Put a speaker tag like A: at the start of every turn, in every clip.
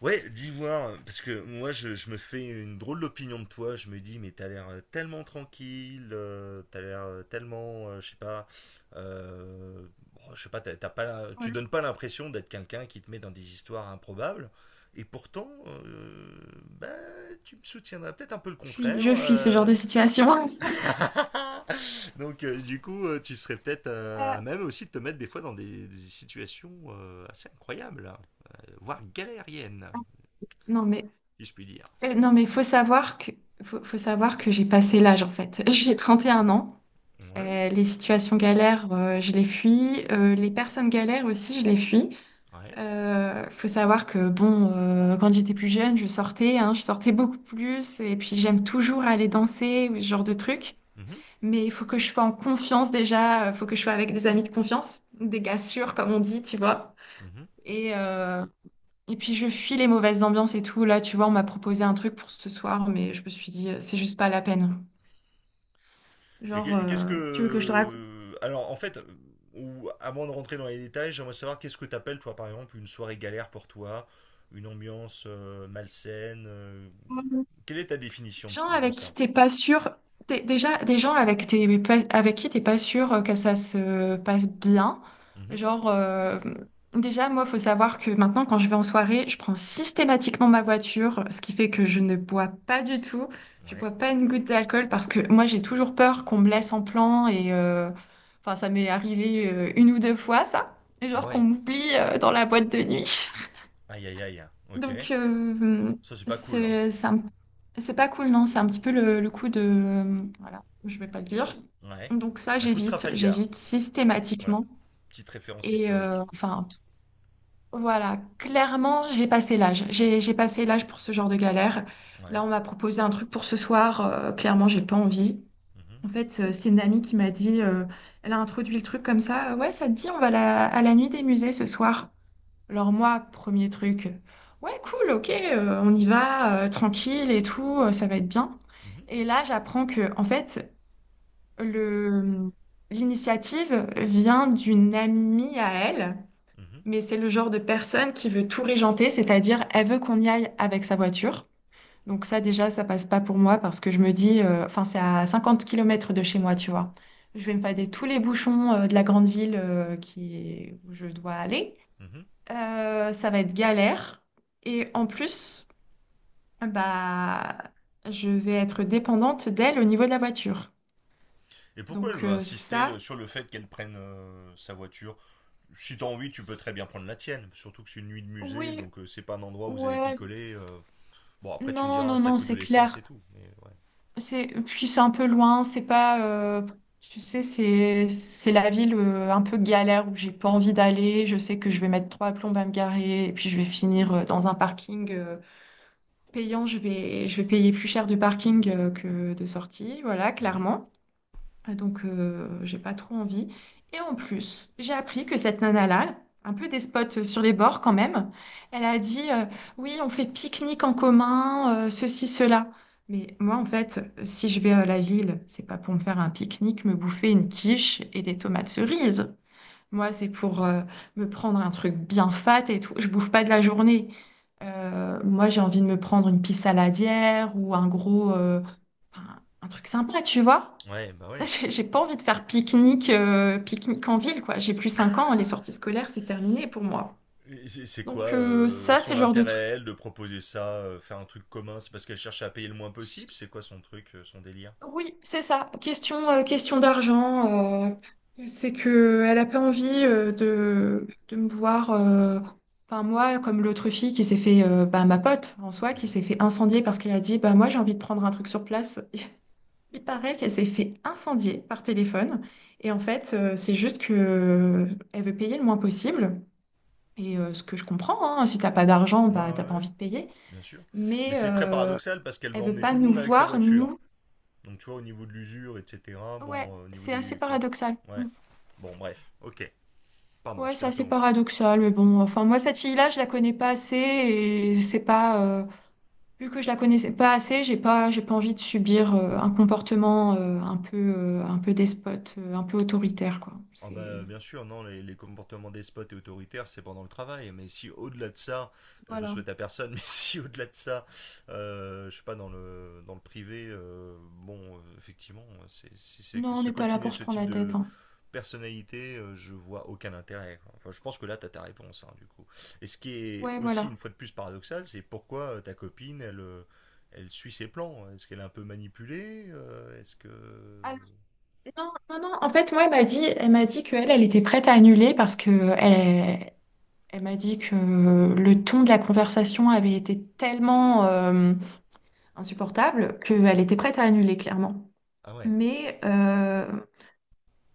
A: Ouais, d'ivoire, parce que moi je me fais une drôle d'opinion de toi, je me dis mais t'as l'air tellement tranquille, t'as l'air tellement, je sais pas, euh, bon, je sais pas, t'as pas,
B: Ouais,
A: tu donnes pas l'impression d'être quelqu'un qui te met dans des histoires improbables, et pourtant, bah, tu me soutiendrais peut-être un peu le
B: je fuis,
A: contraire,
B: je fuis ce genre de situation.
A: Donc du coup tu serais peut-être
B: Euh,
A: à même aussi de te mettre des fois dans des situations assez incroyables, hein, voire galériennes,
B: non mais
A: si je puis dire.
B: non mais faut savoir que j'ai passé l'âge en fait. J'ai 31 ans.
A: Ouais.
B: Les situations galères, je les fuis. Les personnes galères aussi, je les fuis.
A: Ouais.
B: Faut savoir que bon, quand j'étais plus jeune, hein, je sortais beaucoup plus. Et puis j'aime toujours aller danser ou ce genre de truc.
A: Mhm,
B: Mais il faut que je sois en confiance déjà. Il faut que je sois avec des amis de confiance, des gars sûrs comme on dit, tu vois.
A: mhm.
B: Et, euh, Et puis je fuis les mauvaises ambiances et tout. Là, tu vois, on m'a proposé un truc pour ce soir, mais je me suis dit, c'est juste pas la peine.
A: Et
B: Genre,
A: qu'est-ce
B: tu veux que je te raconte?
A: que... Alors, en fait, ou, avant de rentrer dans les détails, j'aimerais savoir qu'est-ce que t'appelles, toi, par exemple, une soirée galère pour toi, une ambiance malsaine.
B: Quoi,
A: Quelle est ta définition
B: gens
A: de
B: avec qui
A: ça?
B: t'es pas sûr, déjà des gens avec qui t'es pas sûr que ça se passe bien.
A: Mhm.
B: Genre, déjà, moi, faut savoir que maintenant, quand je vais en soirée, je prends systématiquement ma voiture, ce qui fait que je ne bois pas du tout. Je
A: Ouais.
B: bois pas une goutte d'alcool parce que moi, j'ai toujours peur qu'on me laisse en plan et enfin, ça m'est arrivé une ou deux fois, ça. Et
A: Ah
B: genre qu'on
A: ouais.
B: m'oublie, dans la boîte de nuit.
A: Aïe, aïe, aïe. Ok.
B: Donc,
A: Ça, c'est pas cool, hein.
B: c'est c'est un c'est pas cool, non? C'est un petit peu le coup de... Voilà, je vais pas le dire.
A: Ouais.
B: Donc ça,
A: Un coup de
B: j'évite,
A: Trafalgar.
B: j'évite
A: Voilà.
B: systématiquement.
A: Petite référence
B: Et
A: historique.
B: enfin, voilà, clairement, j'ai passé l'âge. J'ai passé l'âge pour ce genre de galère.
A: Ouais.
B: Là, on m'a proposé un truc pour ce soir. Clairement, j'ai pas envie.
A: Mhm.
B: En fait, c'est une amie qui m'a dit, elle a introduit le truc comme ça. Ouais, ça te dit, on va à la nuit des musées ce soir. Alors moi, premier truc, ouais, cool, ok, on y va, tranquille et tout, ça va être bien.
A: Mhm.
B: Et là, j'apprends que, en fait, le, l'initiative vient d'une amie à elle,
A: Mhm.
B: mais c'est le genre de personne qui veut tout régenter, c'est-à-dire elle veut qu'on y aille avec sa voiture. Donc ça, déjà, ça passe pas pour moi parce que je me dis, enfin, c'est à 50 kilomètres de chez moi, tu vois. Je vais me fader tous les bouchons, de la grande ville, où je dois aller.
A: Mhm.
B: Ça va être galère. Et en plus, bah, je vais être dépendante d'elle au niveau de la voiture.
A: Et pourquoi elle
B: Donc
A: veut insister
B: ça,
A: sur le fait qu'elle prenne sa voiture? Si t'as envie, tu peux très bien prendre la tienne. Surtout que c'est une nuit de musée,
B: oui,
A: donc c'est pas un endroit où vous allez
B: ouais,
A: picoler. Bon, après, tu me
B: non,
A: diras,
B: non,
A: ça
B: non,
A: coûte de
B: c'est
A: l'essence
B: clair.
A: et tout. Mais ouais.
B: Puis c'est un peu loin, c'est pas, tu sais, c'est la ville un peu galère où j'ai pas envie d'aller. Je sais que je vais mettre trois plombes à me garer et puis je vais finir dans un parking payant. Je vais payer plus cher du parking que de sortie, voilà,
A: Mhm.
B: clairement. Ah, donc, j'ai pas trop envie. Et en plus, j'ai appris que cette nana-là, un peu despote sur les bords quand même, elle a dit, oui, on fait pique-nique en commun, ceci, cela. Mais moi, en fait, si je vais à la ville, c'est pas pour me faire un pique-nique, me bouffer une quiche et des tomates cerises. Moi, c'est pour me prendre un truc bien fat et tout. Je bouffe pas de la journée. Moi, j'ai envie de me prendre une pisse saladière ou un gros, un truc sympa, tu vois?
A: Ouais, bah ouais.
B: J'ai pas envie de faire pique-nique en ville, quoi. J'ai plus 5 ans, les sorties scolaires, c'est terminé pour moi.
A: Et c'est quoi
B: Donc ça, c'est
A: son
B: le genre de
A: intérêt,
B: truc.
A: elle, de proposer ça, faire un truc commun? C'est parce qu'elle cherche à payer le moins possible? C'est quoi son truc, son délire?
B: Oui, c'est ça. Question d'argent. C'est que elle a pas envie de me voir, enfin moi, comme l'autre fille qui s'est fait, bah, ma pote en soi, qui
A: Mhm.
B: s'est fait incendier parce qu'elle a dit, bah moi j'ai envie de prendre un truc sur place. Il paraît qu'elle s'est fait incendier par téléphone. Et en fait, c'est juste que elle veut payer le moins possible. Et ce que je comprends, hein, si t'as pas d'argent,
A: Ouais, ouais,
B: bah t'as pas
A: ouais,
B: envie de payer.
A: bien sûr.
B: Mais
A: Mais c'est très paradoxal parce qu'elle va
B: elle veut
A: emmener
B: pas
A: tout le
B: nous
A: monde avec sa
B: voir,
A: voiture.
B: nous.
A: Donc, tu vois, au niveau de l'usure, etc.
B: Ouais,
A: Bon, au niveau
B: c'est assez
A: des.
B: paradoxal.
A: Ouais.
B: Mm.
A: Bon, bref. Ok. Pardon,
B: Ouais,
A: je t'ai
B: c'est assez
A: interrompu.
B: paradoxal, mais bon, enfin moi cette fille-là, je la connais pas assez et c'est pas vu que je la connaissais pas assez, j'ai pas envie de subir un comportement un peu despote, un peu autoritaire quoi.
A: Ah
B: C'est
A: bah, bien sûr, non, les comportements despotes et autoritaires, c'est pendant le travail. Mais si au-delà de ça, je
B: Voilà.
A: souhaite à personne, mais si au-delà de ça, je sais pas, dans le privé, bon, effectivement, c'est que
B: Non, on
A: se
B: n'est pas là
A: coltiner
B: pour se
A: ce
B: prendre
A: type
B: la tête,
A: de
B: hein.
A: personnalité, je vois aucun intérêt. Quoi. Enfin, je pense que là, t'as ta réponse, hein, du coup. Et ce qui est
B: Ouais,
A: aussi,
B: voilà.
A: une fois de plus, paradoxal, c'est pourquoi ta copine, elle, elle suit ses plans. Est-ce qu'elle est un peu manipulée? Est-ce que...
B: Non, non, non. En fait, moi, elle m'a dit qu'elle, elle était prête à annuler parce que elle, elle m'a dit que le ton de la conversation avait été tellement insupportable qu'elle était prête à annuler, clairement.
A: Ah ouais.
B: Mais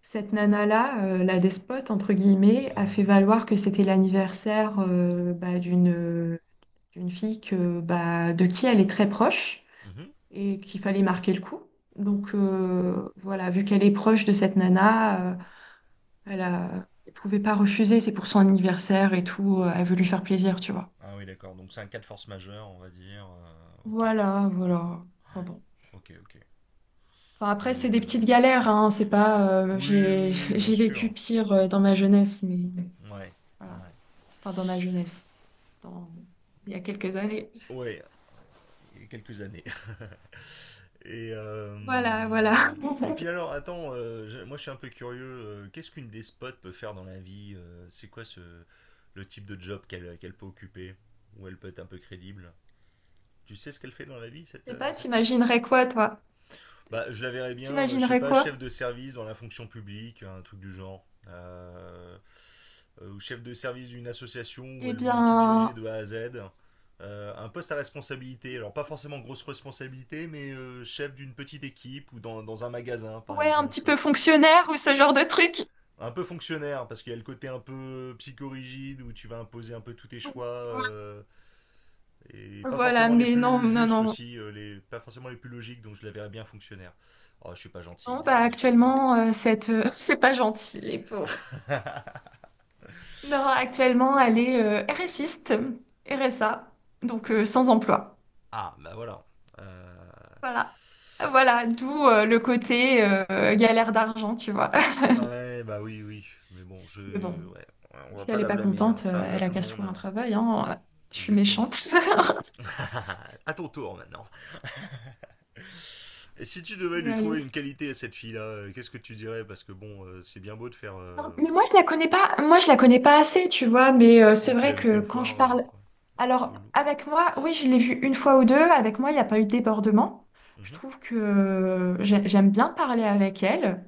B: cette nana-là, la despote, entre guillemets, a fait valoir que c'était l'anniversaire, bah, d'une fille bah, de qui elle est très proche
A: Mhm.
B: et qu'il fallait marquer le coup. Donc voilà, vu qu'elle est proche de cette nana. Elle pouvait pas refuser, c'est pour son anniversaire et tout, elle veut lui faire plaisir, tu vois.
A: Ah oui, d'accord. Donc c'est un cas de force majeure, on va dire. Ok,
B: Voilà,
A: d'accord.
B: voilà. Enfin bon.
A: Ok, ok.
B: Enfin,
A: Mais
B: après, c'est des petites galères, hein, c'est pas...
A: oui, oui,
B: j'ai
A: oui, oui, bien
B: j'ai vécu
A: sûr.
B: pire dans ma jeunesse, mais
A: Ouais,
B: voilà.
A: ouais.
B: Enfin, dans ma jeunesse, dans... il y a quelques années.
A: Ouais, il y a quelques années. Et,
B: Voilà,
A: euh,
B: voilà.
A: et puis alors, attends, moi je suis un peu curieux. Qu'est-ce qu'une despote peut faire dans la vie? C'est quoi ce, le type de job qu'elle peut occuper? Où elle peut être un peu crédible? Tu sais ce qu'elle fait dans la vie, cette,
B: Je sais pas,
A: cette fille?
B: t'imaginerais quoi, toi?
A: Bah, je la verrais bien, je sais
B: T'imaginerais
A: pas, chef
B: quoi?
A: de service dans la fonction publique, un truc du genre. Ou chef de service d'une association où
B: Eh
A: elle veut tout diriger
B: bien,
A: de A à Z. Un poste à responsabilité, alors pas forcément grosse responsabilité, mais chef d'une petite équipe ou dans, dans un magasin par
B: ouais, un petit
A: exemple.
B: peu fonctionnaire ou ce genre de truc.
A: Un peu fonctionnaire, parce qu'il y a le côté un peu psychorigide où tu vas imposer un peu tous tes choix, et pas
B: Voilà,
A: forcément les
B: mais non,
A: plus
B: non,
A: justes
B: non.
A: aussi, les, pas forcément les plus logiques, donc je la verrais bien fonctionnaire. Oh, je suis pas gentil
B: Non,
A: de
B: bah
A: dire des choses pareilles.
B: actuellement, c'est pas gentil, les pauvres. Non, actuellement, elle est RSiste, RSA, donc sans emploi.
A: Ah, bah voilà. Euh,
B: Voilà. Voilà, d'où le côté galère d'argent, tu vois.
A: Ouais, bah oui, oui. Mais bon,
B: Mais
A: je.
B: bon,
A: Ouais, on va
B: si
A: pas
B: elle est
A: la
B: pas
A: blâmer, hein.
B: contente,
A: Ça arrive à
B: elle a
A: tout le
B: qu'à se
A: monde.
B: trouver un travail, hein. Je suis
A: Exactement.
B: méchante.
A: À ton tour maintenant. Et si tu devais lui trouver une
B: Réaliste.
A: qualité à cette fille-là, qu'est-ce que tu dirais? Parce que bon, c'est bien beau de faire.
B: Non, mais moi, je la connais pas, moi, je la connais pas assez, tu vois, mais
A: Ah,
B: c'est
A: tu l'as
B: vrai
A: vu
B: que
A: qu'une
B: quand je
A: fois
B: parle.
A: ouais, ou
B: Alors,
A: une.
B: avec moi, oui, je l'ai vu une fois ou deux. Avec moi, il n'y a pas eu de débordement. Je
A: Mhm.
B: trouve que j'aime bien parler avec elle.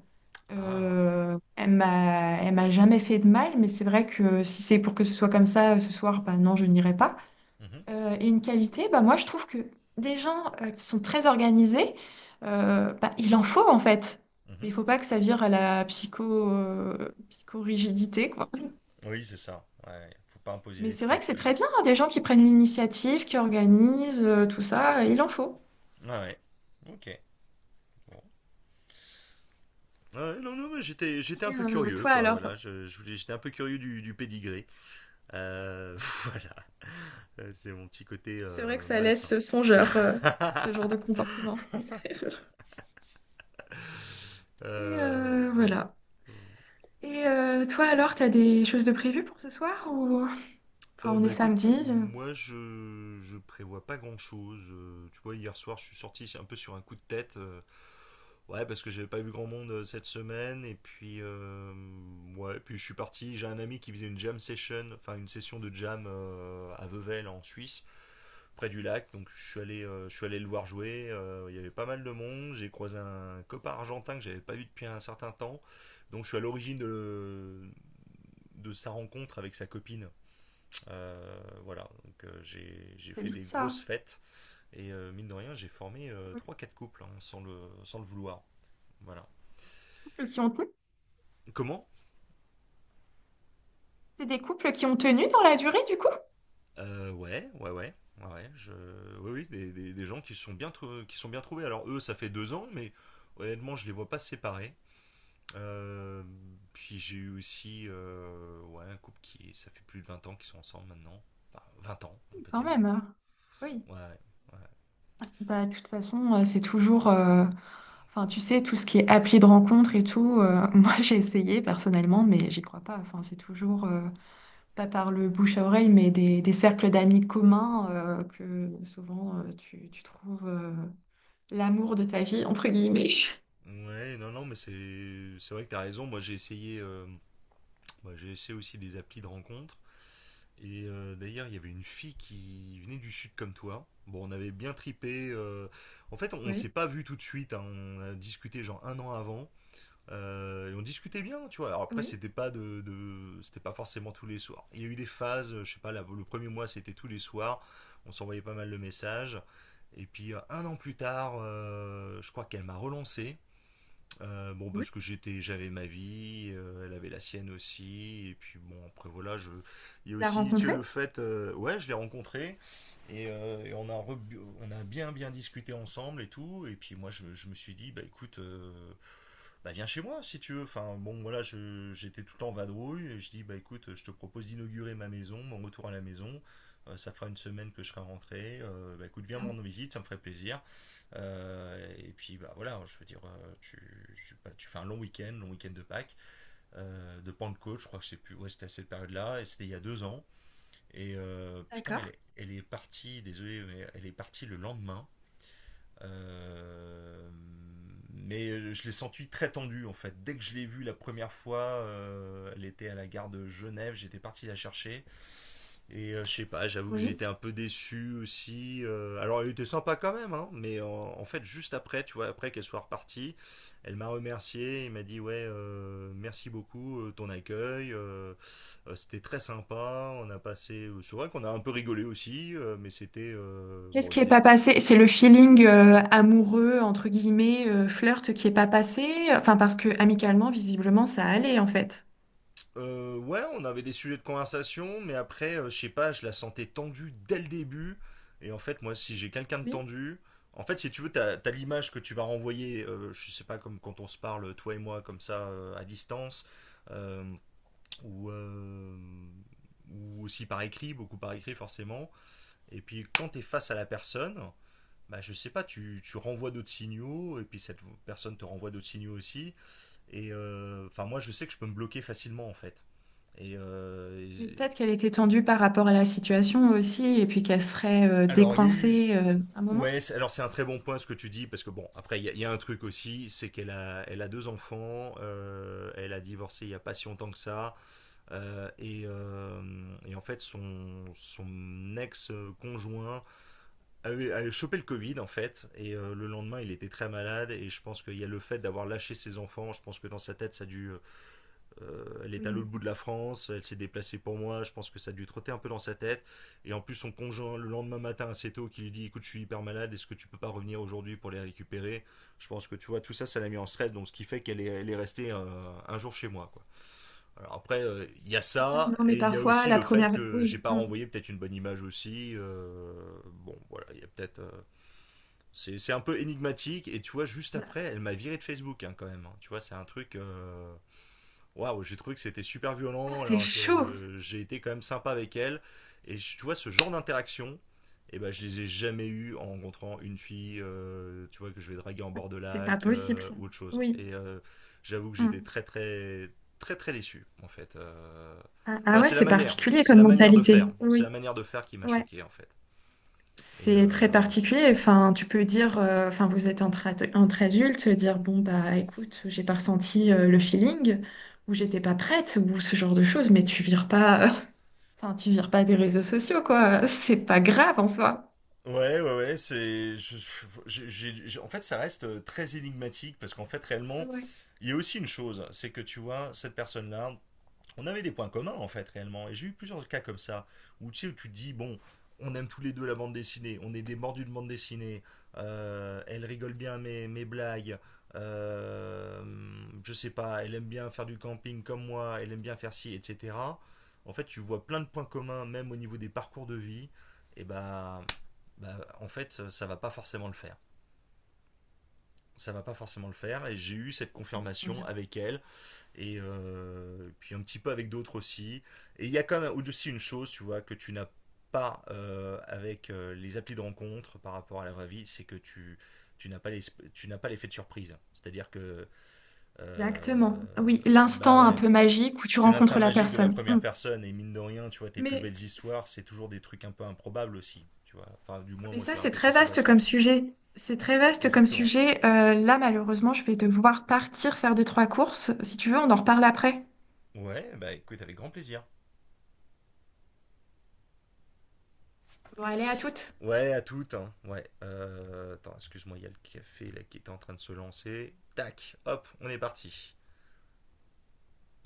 A: Ah.
B: Elle m'a jamais fait de mal, mais c'est vrai que si c'est pour que ce soit comme ça ce soir, bah non, je n'irai pas.
A: Mhm,
B: Et une qualité, bah moi, je trouve que des gens qui sont très organisés, bah, il en faut en fait.
A: mhm.
B: Mais il faut pas que ça vire à la psychorigidité, quoi.
A: Oui, c'est ça. Ouais, ouais. Faut pas imposer
B: Mais
A: les
B: c'est vrai que
A: trucs.
B: c'est très bien, hein, des gens qui prennent l'initiative, qui organisent, tout ça, il en faut.
A: Ouais, ouais. Ok. Bon. Ouais, non, non, mais j'étais, j'étais un
B: Et,
A: peu
B: euh,
A: curieux,
B: toi
A: quoi.
B: alors,
A: Voilà, je voulais, j'étais un peu curieux du pédigré. Euh, voilà. C'est mon petit côté
B: c'est vrai que ça
A: malsain.
B: laisse songeur, ce genre de comportement. Et
A: Bon.
B: voilà. Et toi alors, t'as des choses de prévues pour ce soir ou... Enfin, on est
A: Bah écoute,
B: samedi,
A: moi je prévois pas grand chose. Tu vois, hier soir je suis sorti un peu sur un coup de tête. Ouais, parce que j'avais pas vu grand monde cette semaine. Et puis, ouais, et puis je suis parti. J'ai un ami qui faisait une jam session, enfin une session de jam à Vevel en Suisse. Près du lac. Donc je suis allé le voir jouer. Il y avait pas mal de monde. J'ai croisé un copain argentin que j'avais pas vu depuis un certain temps. Donc je suis à l'origine de sa rencontre avec sa copine. Voilà. Donc j'ai
B: c'est
A: fait
B: bien
A: des
B: ça.
A: grosses fêtes et mine de rien j'ai formé
B: Pour les
A: trois quatre couples hein, sans le vouloir. Voilà.
B: couples qui ont tenu.
A: Comment?
B: C'est des couples qui ont tenu dans la durée du coup?
A: Ouais, ouais, ouais. Ouais, ouais, je... oui, oui, des, des gens qui se sont bien, qui se sont bien trouvés. Alors eux, ça fait deux ans, mais honnêtement, je les vois pas séparés. Euh, puis j'ai eu aussi ouais, un couple qui, ça fait plus de 20 ans qu'ils sont ensemble maintenant. Enfin, 20 ans, on peut
B: Quand
A: dire.
B: même, hein. Oui.
A: Ouais, ouais.
B: Bah, de toute façon, c'est toujours, enfin, tu sais, tout ce qui est appli de rencontre et tout, moi j'ai essayé personnellement, mais j'y crois pas. Enfin, c'est toujours, pas par le bouche à oreille, mais des cercles d'amis communs que souvent tu trouves l'amour de ta vie, entre guillemets.
A: ouais. Ouais, non, non, mais c'est vrai que t'as raison. Moi, j'ai essayé, bah, j'ai essayé aussi des applis de rencontres. Et d'ailleurs, il y avait une fille qui venait du sud comme toi. Bon, on avait bien tripé. En fait, on s'est
B: Oui,
A: pas vu tout de suite. Hein. On a discuté genre un an avant. Et on discutait bien, tu vois. Alors après,
B: oui,
A: c'était pas de, c'était pas forcément tous les soirs. Il y a eu des phases, je sais pas, le premier mois c'était tous les soirs, on s'envoyait pas mal de messages. Et puis un an plus tard, je crois qu'elle m'a relancé bon,
B: oui.
A: parce que j'étais, j'avais ma vie, elle avait la sienne aussi, et puis bon, après voilà, je, il y a
B: Tu l'as
A: aussi, tu as le
B: rencontré?
A: fait, ouais, je l'ai rencontré, et on, a on a bien bien discuté ensemble et tout, et puis moi je me suis dit, bah écoute, bah viens chez moi si tu veux, enfin bon, voilà, j'étais tout le temps en vadrouille, et je dis, bah écoute, je te propose d'inaugurer ma maison, mon retour à la maison, ça fera une semaine que je serai rentré, bah écoute, viens me
B: Bien.
A: rendre visite, ça me ferait plaisir. Et puis bah voilà, je veux dire, tu, tu, bah, tu fais un long week-end de Pâques, de Pentecôte, je crois que je sais plus, ouais, c'était à cette période-là, et c'était il y a deux ans. Et putain,
B: D'accord,
A: elle est partie, désolé, mais elle est partie le lendemain. Euh, mais je l'ai sentie très tendue en fait. Dès que je l'ai vue la première fois, elle était à la gare de Genève, j'étais parti la chercher. Et je sais pas, j'avoue que j'ai
B: oui.
A: été un peu déçu aussi. Alors elle était sympa quand même, hein, mais en, en fait juste après, tu vois, après qu'elle soit repartie, elle m'a remercié et m'a dit ouais, merci beaucoup ton accueil, c'était très sympa. On a passé, c'est vrai qu'on a un peu rigolé aussi, mais c'était
B: Qu'est-ce
A: bon, il
B: qui est
A: faisait
B: pas passé? C'est le feeling, amoureux, entre guillemets, flirt qui est pas passé. Enfin, parce que amicalement, visiblement, ça allait en fait.
A: Ouais, on avait des sujets de conversation, mais après, je sais pas, je la sentais tendue dès le début. Et en fait, moi, si j'ai quelqu'un de
B: Oui,
A: tendu, en fait, si tu veux, t'as, t'as l'image que tu vas renvoyer, je sais pas, comme quand on se parle, toi et moi, comme ça, à distance, euh, ou, euh, ou aussi par écrit, beaucoup par écrit, forcément. Et puis, quand t'es face à la personne, bah, je sais pas, tu renvoies d'autres signaux, et puis cette personne te renvoie d'autres signaux aussi. Et enfin, moi, je sais que je peux me bloquer facilement, en fait.
B: mais
A: Et-
B: peut-être qu'elle était tendue par rapport à la situation aussi, et puis qu'elle serait
A: alors, il y a eu.
B: décoincée un moment.
A: Ouais, c'est- alors c'est un très bon point ce que tu dis, parce que bon, après, y a un truc aussi, c'est qu'elle a deux enfants, elle a divorcé il y a pas si longtemps que ça, et en fait, son ex-conjoint avait chopé le Covid, en fait, et le lendemain, il était très malade, et je pense qu'il y a le fait d'avoir lâché ses enfants, je pense que dans sa tête, ça a dû… elle est à l'autre
B: Oui.
A: bout de la France, elle s'est déplacée pour moi, je pense que ça a dû trotter un peu dans sa tête. Et en plus, son conjoint, le lendemain matin assez tôt, qui lui dit: écoute, je suis hyper malade, est-ce que tu peux pas revenir aujourd'hui pour les récupérer? Je pense que tu vois, tout ça, ça l'a mis en stress, donc ce qui fait qu'elle est restée un jour chez moi. Quoi. Alors après, il y a
B: Oui,
A: ça,
B: non, mais
A: et il y a
B: parfois,
A: aussi
B: la
A: le fait
B: première...
A: que j'ai
B: Oui.
A: pas
B: Mm.
A: renvoyé peut-être une bonne image aussi. Bon, voilà, il y a peut-être… c'est un peu énigmatique, et tu vois, juste
B: Bah,
A: après, elle m'a viré de Facebook hein, quand même. Hein. Tu vois, c'est un truc. Waouh, j'ai trouvé que c'était super
B: ah,
A: violent
B: c'est
A: alors
B: chaud.
A: que j'ai été quand même sympa avec elle. Tu vois, ce genre d'interaction, eh ben, je les ai jamais eues en rencontrant une fille, tu vois, que je vais draguer en bord de
B: C'est pas
A: lac
B: possible, ça.
A: ou autre chose.
B: Oui.
A: J'avoue que j'étais
B: Mm.
A: très, très, très, très déçu, en fait.
B: Ah, ah
A: Enfin,
B: ouais, c'est particulier comme mentalité.
A: c'est la
B: Oui.
A: manière de faire qui m'a
B: Ouais.
A: choqué, en fait.
B: C'est très
A: Ouais.
B: particulier. Enfin, tu peux dire... enfin, vous êtes entre adultes, dire, bon, bah, écoute, j'ai pas ressenti, le feeling, ou j'étais pas prête, ou ce genre de choses, mais tu vires pas... Enfin, tu vires pas des réseaux sociaux, quoi. C'est pas grave en soi.
A: Ouais, ouais, ouais, c'est. Je- j'ai- en fait, ça reste très énigmatique parce qu'en fait, réellement,
B: Ouais.
A: il y a aussi une chose, c'est que tu vois, cette personne-là, on avait des points communs en fait réellement. Et j'ai eu plusieurs cas comme ça où tu sais où tu te dis bon, on aime tous les deux la bande dessinée, on est des mordus de bande dessinée, elle rigole bien mes blagues, euh, je sais pas, elle aime bien faire du camping comme moi, elle aime bien faire ci, etc. En fait, tu vois plein de points communs même au niveau des parcours de vie. Et bah, bah en fait, ça va pas forcément le faire. Ça va pas forcément le faire. Et j'ai eu cette
B: Comment
A: confirmation
B: dire?
A: avec elle puis un petit peu avec d'autres aussi. Et il y a quand même aussi une chose, tu vois, que tu n'as pas avec les applis de rencontre par rapport à la vraie vie, c'est que tu n'as pas les. Tu n'as pas l'effet de surprise. C'est-à-dire que euh,
B: Exactement. Oui,
A: bah
B: l'instant un
A: ouais,
B: peu magique où tu
A: c'est l'instinct
B: rencontres la
A: magique de la
B: personne.
A: première
B: Mm.
A: personne et mine de rien, tu vois, tes plus
B: Mais,
A: belles histoires, c'est toujours des trucs un peu improbables aussi, tu vois. Enfin, du moins
B: mais
A: moi je
B: ça,
A: suis un
B: c'est
A: peu
B: très
A: sensible à
B: vaste
A: ça.
B: comme sujet. C'est très vaste comme
A: Exactement.
B: sujet. Là, malheureusement, je vais devoir partir faire deux, trois courses. Si tu veux, on en reparle après.
A: Ouais, bah écoute, avec grand plaisir.
B: Bon, allez, à toutes.
A: Ouais, à toutes. Hein, ouais. Attends, excuse-moi, il y a le café là, qui était en train de se lancer. Tac, hop, on est parti.